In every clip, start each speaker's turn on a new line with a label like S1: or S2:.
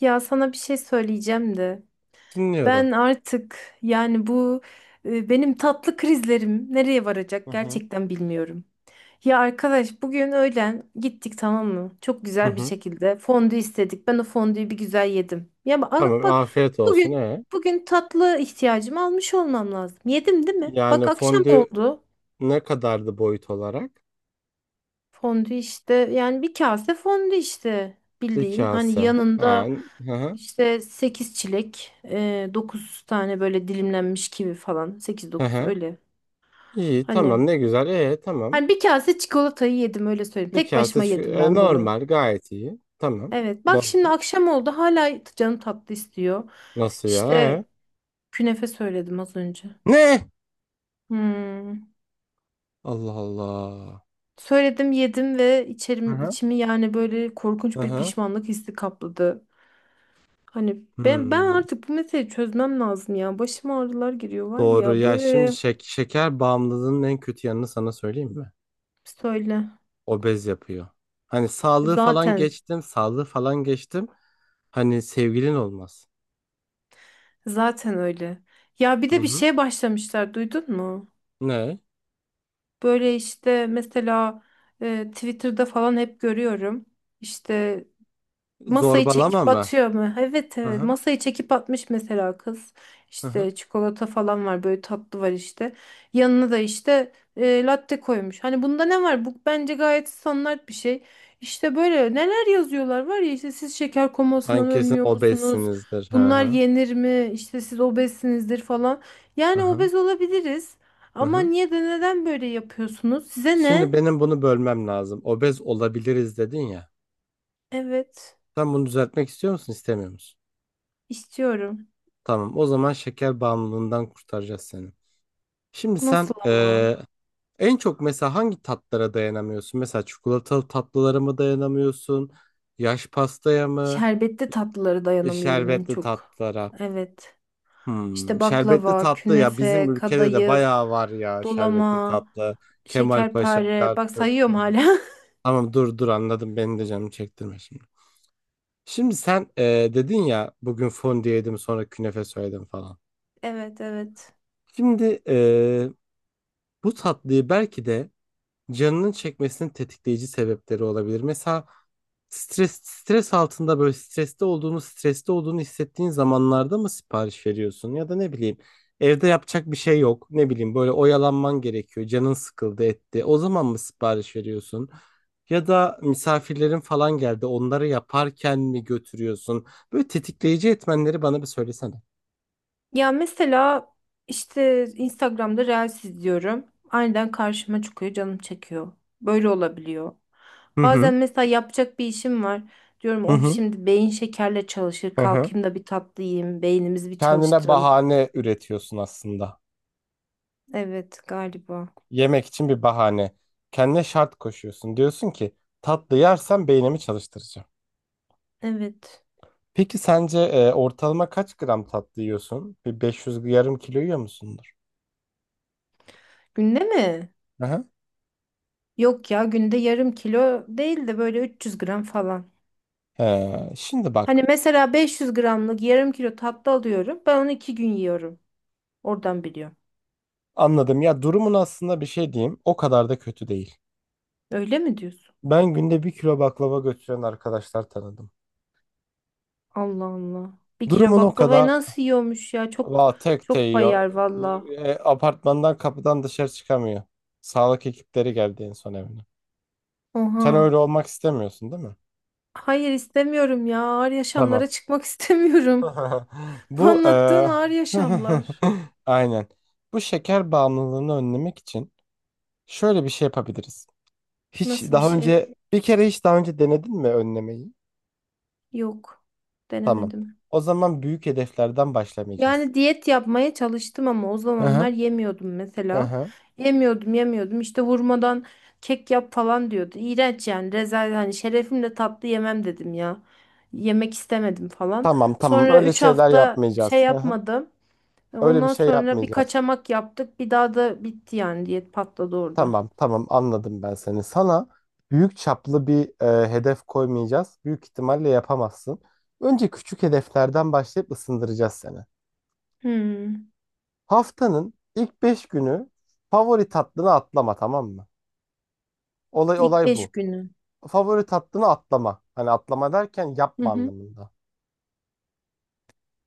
S1: Ya sana bir şey söyleyeceğim de ben
S2: Dinliyorum.
S1: artık yani bu benim tatlı krizlerim nereye
S2: Hı
S1: varacak
S2: hı.
S1: gerçekten bilmiyorum. Ya arkadaş bugün öğlen gittik tamam mı? Çok
S2: Hı
S1: güzel bir
S2: hı.
S1: şekilde fondü istedik. Ben o fondüyü bir güzel yedim. Ya bak,
S2: Tamam,
S1: bak
S2: afiyet olsun.
S1: bugün
S2: Ee?
S1: bugün tatlı ihtiyacımı almış olmam lazım. Yedim değil mi? Bak
S2: Yani
S1: akşam
S2: fondü
S1: oldu.
S2: ne kadardı boyut olarak?
S1: Fondü işte yani bir kase fondü işte
S2: Bir
S1: bildiğin. Hani
S2: kase. Ha,
S1: yanında
S2: hı hı.
S1: işte 8 çilek, 9 tane böyle dilimlenmiş kivi falan. Sekiz
S2: Hı
S1: dokuz
S2: hı.
S1: öyle.
S2: İyi,
S1: Hani
S2: tamam, ne güzel. Tamam.
S1: hani bir kase çikolatayı yedim öyle söyleyeyim.
S2: Bir
S1: Tek
S2: kase
S1: başıma
S2: şu,
S1: yedim ben bunu.
S2: normal, gayet iyi. Tamam.
S1: Evet bak
S2: No-
S1: şimdi akşam oldu hala canım tatlı istiyor.
S2: nasıl ya? Ee?
S1: İşte künefe söyledim az önce.
S2: Ne?
S1: Hmm.
S2: Allah Allah.
S1: Söyledim yedim ve
S2: Hı
S1: içerim,
S2: hı.
S1: içimi yani böyle
S2: Hı
S1: korkunç bir
S2: hı.
S1: pişmanlık hissi kapladı. Hani ben
S2: Hmm.
S1: artık bu meseleyi çözmem lazım ya. Başıma ağrılar giriyor var
S2: Doğru
S1: ya
S2: ya. Şimdi
S1: böyle
S2: şeker bağımlılığının en kötü yanını sana söyleyeyim mi?
S1: söyle.
S2: Obez yapıyor. Hani sağlığı falan
S1: Zaten
S2: geçtim, sağlığı falan geçtim. Hani sevgilin olmaz.
S1: zaten öyle. Ya bir
S2: Hı
S1: de bir
S2: hı.
S1: şeye başlamışlar duydun mu?
S2: Ne?
S1: Böyle işte mesela Twitter'da falan hep görüyorum. İşte masayı
S2: Zorbalama
S1: çekip
S2: mı?
S1: atıyor mu? Evet
S2: Hı
S1: evet
S2: hı.
S1: masayı çekip atmış mesela kız.
S2: Hı hı.
S1: İşte çikolata falan var böyle tatlı var işte. Yanına da işte latte koymuş. Hani bunda ne var? Bu bence gayet standart bir şey. İşte böyle neler yazıyorlar var ya işte siz şeker
S2: Sen
S1: komasından
S2: kesin
S1: ölmüyor musunuz?
S2: obezsinizdir. Hı
S1: Bunlar
S2: hı.
S1: yenir mi? İşte siz obezsinizdir falan.
S2: Hı
S1: Yani
S2: hı.
S1: obez olabiliriz.
S2: Hı
S1: Ama
S2: hı.
S1: niye de neden böyle yapıyorsunuz? Size ne?
S2: Şimdi benim bunu bölmem lazım. Obez olabiliriz dedin ya.
S1: Evet
S2: Sen bunu düzeltmek istiyor musun, istemiyor musun?
S1: istiyorum.
S2: Tamam. O zaman şeker bağımlılığından kurtaracağız seni. Şimdi sen
S1: Nasıl ama?
S2: en çok mesela hangi tatlara dayanamıyorsun? Mesela çikolatalı tatlılara mı dayanamıyorsun? Yaş pastaya mı?
S1: Şerbetli tatlılara dayanamıyorum en
S2: Şerbetli
S1: çok.
S2: tatlılara.
S1: Evet. İşte
S2: Şerbetli
S1: baklava,
S2: tatlı ya, bizim
S1: künefe,
S2: ülkede de
S1: kadayıf,
S2: bayağı var ya şerbetli
S1: dolama,
S2: tatlı. Kemalpaşa,
S1: şekerpare. Bak
S2: Çarçur.
S1: sayıyorum hala.
S2: Tamam, dur dur, anladım, beni de canım çektirme şimdi. Şimdi sen dedin ya bugün fondue yedim sonra künefe söyledim falan.
S1: Evet, evet.
S2: Şimdi bu tatlıyı belki de canının çekmesinin tetikleyici sebepleri olabilir. Mesela stres altında, böyle streste olduğunu hissettiğin zamanlarda mı sipariş veriyorsun, ya da ne bileyim evde yapacak bir şey yok, ne bileyim böyle oyalanman gerekiyor, canın sıkıldı etti, o zaman mı sipariş veriyorsun? Ya da misafirlerin falan geldi, onları yaparken mi götürüyorsun? Böyle tetikleyici etmenleri bana bir söylesene.
S1: Ya mesela işte Instagram'da Reels izliyorum. Aniden karşıma çıkıyor, canım çekiyor. Böyle olabiliyor.
S2: Hı hı.
S1: Bazen mesela yapacak bir işim var. Diyorum
S2: Hı
S1: of
S2: hı.
S1: şimdi beyin şekerle çalışır.
S2: Hı hı.
S1: Kalkayım da bir tatlı yiyeyim. Beynimizi bir
S2: Kendine
S1: çalıştıralım.
S2: bahane üretiyorsun aslında.
S1: Evet galiba.
S2: Yemek için bir bahane. Kendine şart koşuyorsun. Diyorsun ki tatlı yersem beynimi çalıştıracağım.
S1: Evet.
S2: Peki sence ortalama kaç gram tatlı yiyorsun? Bir 500, yarım kilo yiyor musundur?
S1: Günde mi?
S2: Aha.
S1: Yok ya günde yarım kilo değil de böyle 300 gram falan.
S2: Şimdi
S1: Hani
S2: bak,
S1: mesela 500 gramlık yarım kilo tatlı alıyorum. Ben onu iki gün yiyorum. Oradan biliyorum.
S2: anladım ya, durumun aslında, bir şey diyeyim, o kadar da kötü değil.
S1: Öyle mi diyorsun?
S2: Ben günde bir kilo baklava götüren arkadaşlar tanıdım.
S1: Allah Allah. Bir kilo
S2: Durumun o
S1: baklavayı
S2: kadar
S1: nasıl yiyormuş ya?
S2: va tek te
S1: Çok
S2: yiyor.
S1: bayar valla.
S2: Apartmandan kapıdan dışarı çıkamıyor. Sağlık ekipleri geldi en son evine.
S1: Oha.
S2: Sen öyle olmak istemiyorsun değil mi?
S1: Hayır istemiyorum ya. Ağır yaşamlara
S2: Tamam.
S1: çıkmak istemiyorum. Bu
S2: Bu
S1: anlattığın ağır yaşamlar.
S2: aynen. Bu şeker bağımlılığını önlemek için şöyle bir şey yapabiliriz. Hiç
S1: Nasıl bir
S2: daha
S1: şey?
S2: önce bir kere hiç daha önce denedin mi önlemeyi?
S1: Yok.
S2: Tamam.
S1: Denemedim.
S2: O zaman büyük hedeflerden başlamayacağız.
S1: Yani diyet yapmaya çalıştım ama o
S2: Hı
S1: zamanlar
S2: hı.
S1: yemiyordum
S2: Hı
S1: mesela.
S2: hı.
S1: Yemiyordum. İşte vurmadan kek yap falan diyordu. İğrenç yani. Rezalet hani şerefimle tatlı yemem dedim ya. Yemek istemedim falan.
S2: Tamam, tamam,
S1: Sonra
S2: öyle
S1: 3
S2: şeyler
S1: hafta şey
S2: yapmayacağız. Hı hı.
S1: yapmadım.
S2: Öyle bir
S1: Ondan
S2: şey
S1: sonra bir
S2: yapmayacağız.
S1: kaçamak yaptık. Bir daha da bitti yani diyet patladı orada.
S2: Tamam, tamam, anladım ben seni. Sana büyük çaplı bir hedef koymayacağız. Büyük ihtimalle yapamazsın. Önce küçük hedeflerden başlayıp ısındıracağız seni.
S1: Hmm.
S2: Haftanın ilk 5 günü favori tatlını atlama, tamam mı? Olay
S1: İlk
S2: olay
S1: 5
S2: bu.
S1: günü.
S2: Favori tatlını atlama. Hani atlama derken
S1: Hı
S2: yapma
S1: hı.
S2: anlamında.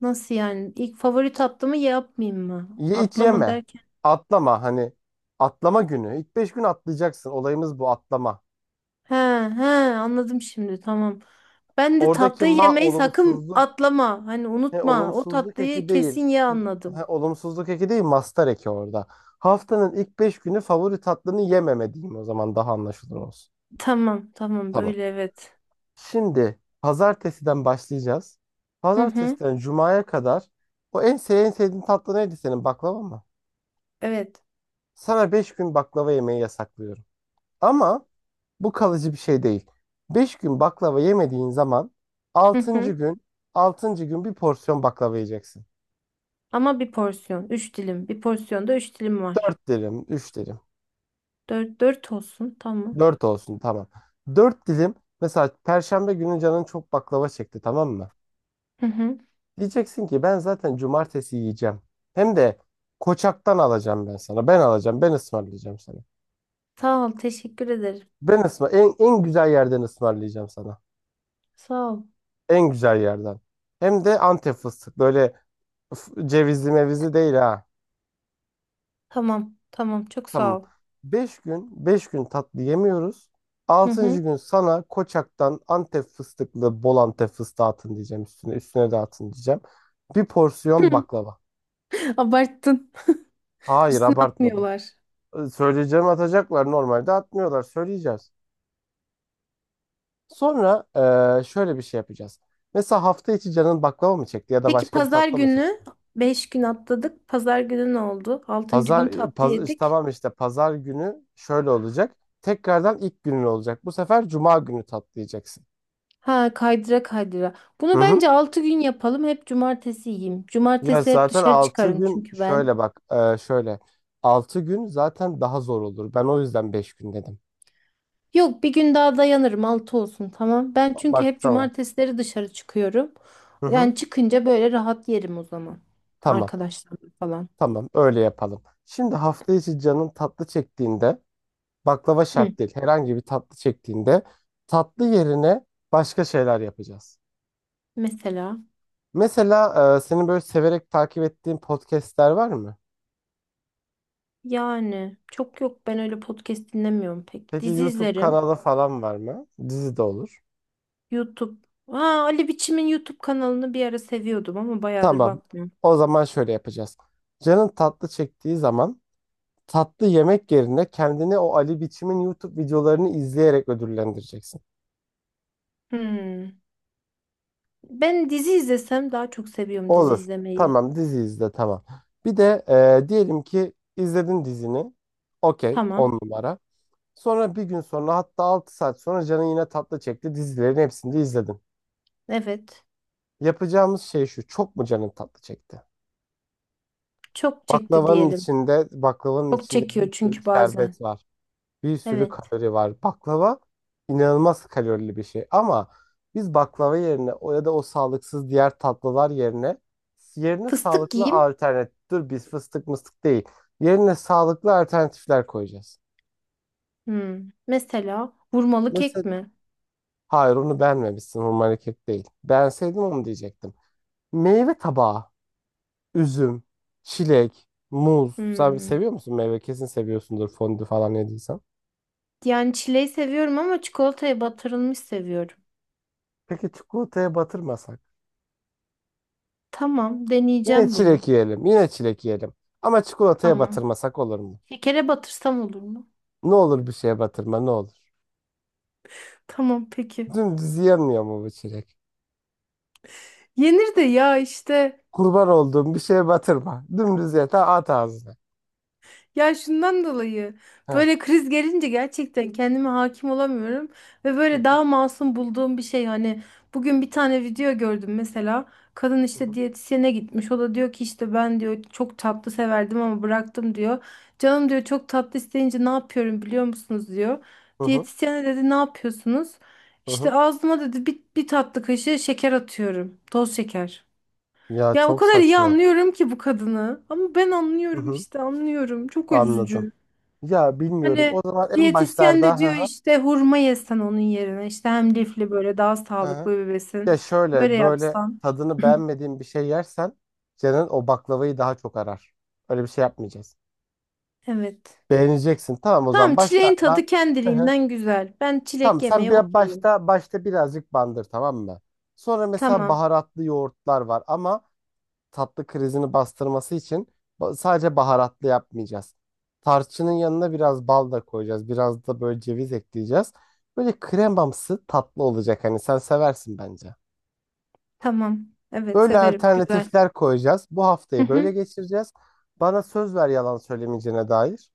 S1: Nasıl yani? İlk favori tatlımı yapmayayım mı?
S2: Ye, hiç
S1: Atlama
S2: yeme.
S1: der.
S2: Atlama, hani atlama günü. İlk 5 gün atlayacaksın. Olayımız bu, atlama.
S1: He he anladım şimdi tamam. Ben de
S2: Oradaki
S1: tatlıyı
S2: ma
S1: yemeyi sakın
S2: olumsuzluk,
S1: atlama. Hani
S2: he,
S1: unutma. O
S2: olumsuzluk
S1: tatlıyı
S2: eki değil.
S1: kesin ye
S2: He,
S1: anladım.
S2: olumsuzluk eki değil, mastar eki orada. Haftanın ilk 5 günü favori tatlını yememe diyeyim o zaman, daha anlaşılır olsun.
S1: Tamam
S2: Tamam.
S1: böyle evet.
S2: Şimdi pazartesiden başlayacağız.
S1: Hı hı
S2: Pazartesiden cumaya kadar o en sevdiğin tatlı neydi senin, baklava mı?
S1: evet.
S2: Sana 5 gün baklava yemeyi yasaklıyorum. Ama bu kalıcı bir şey değil. 5 gün baklava yemediğin zaman
S1: Hı
S2: altıncı
S1: hı.
S2: gün, bir porsiyon baklava yiyeceksin.
S1: Ama bir porsiyon. Üç dilim. Bir porsiyonda üç dilim var.
S2: 4 dilim, 3 dilim.
S1: Dört, dört olsun tamam.
S2: Dört olsun, tamam. Dört dilim, mesela Perşembe günü canın çok baklava çekti, tamam mı?
S1: Hı hı.
S2: Diyeceksin ki ben zaten cumartesi yiyeceğim. Hem de Koçak'tan alacağım ben sana. Ben alacağım. Ben ısmarlayacağım sana.
S1: Sağ ol teşekkür ederim.
S2: Ben en güzel yerden ısmarlayacağım sana.
S1: Sağ ol.
S2: En güzel yerden. Hem de Antep fıstık. Böyle cevizli mevizi değil ha.
S1: Tamam çok sağ
S2: Tamam.
S1: ol.
S2: Beş gün tatlı yemiyoruz.
S1: Hı
S2: Altıncı
S1: hı.
S2: gün sana Koçak'tan Antep fıstıklı, bol Antep fıstığı atın diyeceğim üstüne. Üstüne de atın diyeceğim. Bir porsiyon baklava.
S1: Abarttın.
S2: Hayır, abartmadım.
S1: Atmıyorlar.
S2: Söyleyeceğimi atacaklar. Normalde atmıyorlar. Söyleyeceğiz. Sonra şöyle bir şey yapacağız. Mesela hafta içi canın baklava mı çekti, ya da
S1: Peki
S2: başka bir
S1: pazar
S2: tatlı mı
S1: günü
S2: çekti?
S1: 5 gün atladık. Pazar günü ne oldu? Altıncı
S2: Pazar,
S1: gün tatlı
S2: işte
S1: yedik.
S2: tamam, işte pazar günü şöyle olacak. Tekrardan ilk günün olacak. Bu sefer cuma günü tatlayacaksın.
S1: Ha kaydıra kaydıra.
S2: Hı
S1: Bunu
S2: hı.
S1: bence 6 gün yapalım. Hep cumartesi yiyeyim.
S2: Ya
S1: Cumartesi hep
S2: zaten
S1: dışarı
S2: 6
S1: çıkarım
S2: gün
S1: çünkü ben.
S2: şöyle bak, şöyle 6 gün zaten daha zor olur. Ben o yüzden 5 gün dedim.
S1: Yok bir gün daha dayanırım. 6 olsun tamam. Ben çünkü
S2: Bak,
S1: hep
S2: tamam.
S1: cumartesileri dışarı çıkıyorum.
S2: Hı hı.
S1: Yani çıkınca böyle rahat yerim o zaman.
S2: Tamam.
S1: Arkadaşlarım falan.
S2: Tamam, öyle yapalım. Şimdi hafta içi canın tatlı çektiğinde, baklava
S1: Hı.
S2: şart değil. Herhangi bir tatlı çektiğinde tatlı yerine başka şeyler yapacağız.
S1: Mesela
S2: Mesela senin böyle severek takip ettiğin podcastler var mı?
S1: yani çok yok ben öyle podcast dinlemiyorum pek.
S2: Peki
S1: Dizi
S2: YouTube
S1: izlerim.
S2: kanalı falan var mı? Dizi de olur.
S1: YouTube. Aa, Ali Biçim'in YouTube kanalını bir ara seviyordum ama bayağıdır
S2: Tamam.
S1: bakmıyorum.
S2: O zaman şöyle yapacağız. Canın tatlı çektiği zaman tatlı yemek yerine kendini o Ali Biçim'in YouTube videolarını izleyerek ödüllendireceksin.
S1: Hmm. Ben dizi izlesem daha çok seviyorum dizi
S2: Olur.
S1: izlemeyi.
S2: Tamam, dizi izle, tamam. Bir de diyelim ki izledin dizini. Okey,
S1: Tamam.
S2: on numara. Sonra bir gün sonra, hatta 6 saat sonra canın yine tatlı çekti. Dizilerin hepsini de izledin.
S1: Evet.
S2: Yapacağımız şey şu. Çok mu canın tatlı çekti?
S1: Çok çekti
S2: Baklavanın
S1: diyelim.
S2: içinde, baklavanın
S1: Çok
S2: içinde bir
S1: çekiyor
S2: sürü
S1: çünkü bazen.
S2: şerbet var. Bir sürü
S1: Evet.
S2: kalori var. Baklava inanılmaz kalorili bir şey. Ama biz baklava yerine, o ya da o sağlıksız diğer tatlılar yerine,
S1: Fıstık
S2: sağlıklı
S1: yiyeyim.
S2: alternatif. Dur, biz fıstık mıstık değil. Yerine sağlıklı alternatifler koyacağız.
S1: Hmm. Mesela vurmalı kek
S2: Mesela
S1: mi?
S2: hayır, onu beğenmemişsin. Hurmalı kek değil. Beğenseydim onu diyecektim. Meyve tabağı. Üzüm, çilek, muz. Sen
S1: Hmm.
S2: seviyor musun meyve? Kesin seviyorsundur, fondü falan yediysen.
S1: Yani çileği seviyorum ama çikolataya batırılmış seviyorum.
S2: Peki çikolataya batırmasak?
S1: Tamam,
S2: Yine
S1: deneyeceğim
S2: çilek
S1: bunu.
S2: yiyelim. Yine çilek yiyelim. Ama çikolataya
S1: Tamam.
S2: batırmasak olur mu?
S1: Şekere batırsam olur mu?
S2: Ne olur bir şeye batırma, ne olur.
S1: Tamam, peki.
S2: Dümdüz yenmiyor mu bu çilek?
S1: Yenir de ya işte.
S2: Kurban olduğum, bir şeye batırma. Dümdüz ye, ta at ağzına.
S1: Ya şundan dolayı
S2: Heh.
S1: böyle kriz gelince gerçekten kendime hakim olamıyorum ve
S2: Hı
S1: böyle
S2: hı,
S1: daha masum bulduğum bir şey hani bugün bir tane video gördüm mesela. Kadın
S2: hı
S1: işte
S2: hı,
S1: diyetisyene gitmiş, o da diyor ki işte ben diyor çok tatlı severdim ama bıraktım diyor, canım diyor çok tatlı isteyince ne yapıyorum biliyor musunuz diyor.
S2: hı hı.
S1: Diyetisyene dedi ne yapıyorsunuz,
S2: Hı
S1: işte
S2: hı.
S1: ağzıma dedi bir tatlı kaşığı şeker atıyorum toz şeker.
S2: Ya
S1: Ya o
S2: çok
S1: kadar iyi
S2: saçma.
S1: anlıyorum ki bu kadını. Ama ben
S2: Hı
S1: anlıyorum
S2: hı.
S1: işte anlıyorum. Çok
S2: Anladım.
S1: üzücü.
S2: Ya bilmiyorum.
S1: Hani
S2: O zaman en
S1: diyetisyen de
S2: başlarda.
S1: diyor işte hurma yesen onun yerine. İşte hem lifli böyle daha
S2: Ha.
S1: sağlıklı bir
S2: Ya
S1: besin. Böyle
S2: şöyle, böyle
S1: yapsan.
S2: tadını beğenmediğin bir şey yersen canın o baklavayı daha çok arar. Öyle bir şey yapmayacağız.
S1: Evet.
S2: Beğeneceksin. Tamam, o zaman
S1: Tamam çileğin
S2: başlarda.
S1: tadı
S2: Hı hı.
S1: kendiliğinden güzel. Ben
S2: Tamam,
S1: çilek
S2: sen
S1: yemeye
S2: bir
S1: okeyim.
S2: başta birazcık bandır, tamam mı? Sonra mesela
S1: Tamam.
S2: baharatlı yoğurtlar var ama tatlı krizini bastırması için sadece baharatlı yapmayacağız. Tarçının yanına biraz bal da koyacağız. Biraz da böyle ceviz ekleyeceğiz. Böyle kremamsı tatlı olacak, hani sen seversin bence.
S1: Tamam. Evet
S2: Böyle
S1: severim. Güzel.
S2: alternatifler koyacağız. Bu
S1: Hı
S2: haftayı böyle
S1: hı.
S2: geçireceğiz. Bana söz ver, yalan söylemeyeceğine dair.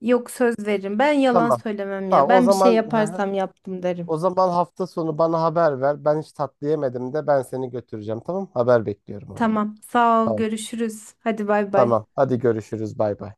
S1: Yok söz veririm. Ben yalan
S2: Tamam.
S1: söylemem ya.
S2: Tamam. O
S1: Ben bir şey
S2: zaman hı hı.
S1: yaparsam yaptım derim.
S2: o zaman hafta sonu bana haber ver. Ben hiç tatlı yemedim de ben seni götüreceğim. Tamam? Haber bekliyorum o zaman.
S1: Tamam. Sağ ol.
S2: Tamam.
S1: Görüşürüz. Hadi bay bay.
S2: Tamam. Hadi görüşürüz. Bay bay.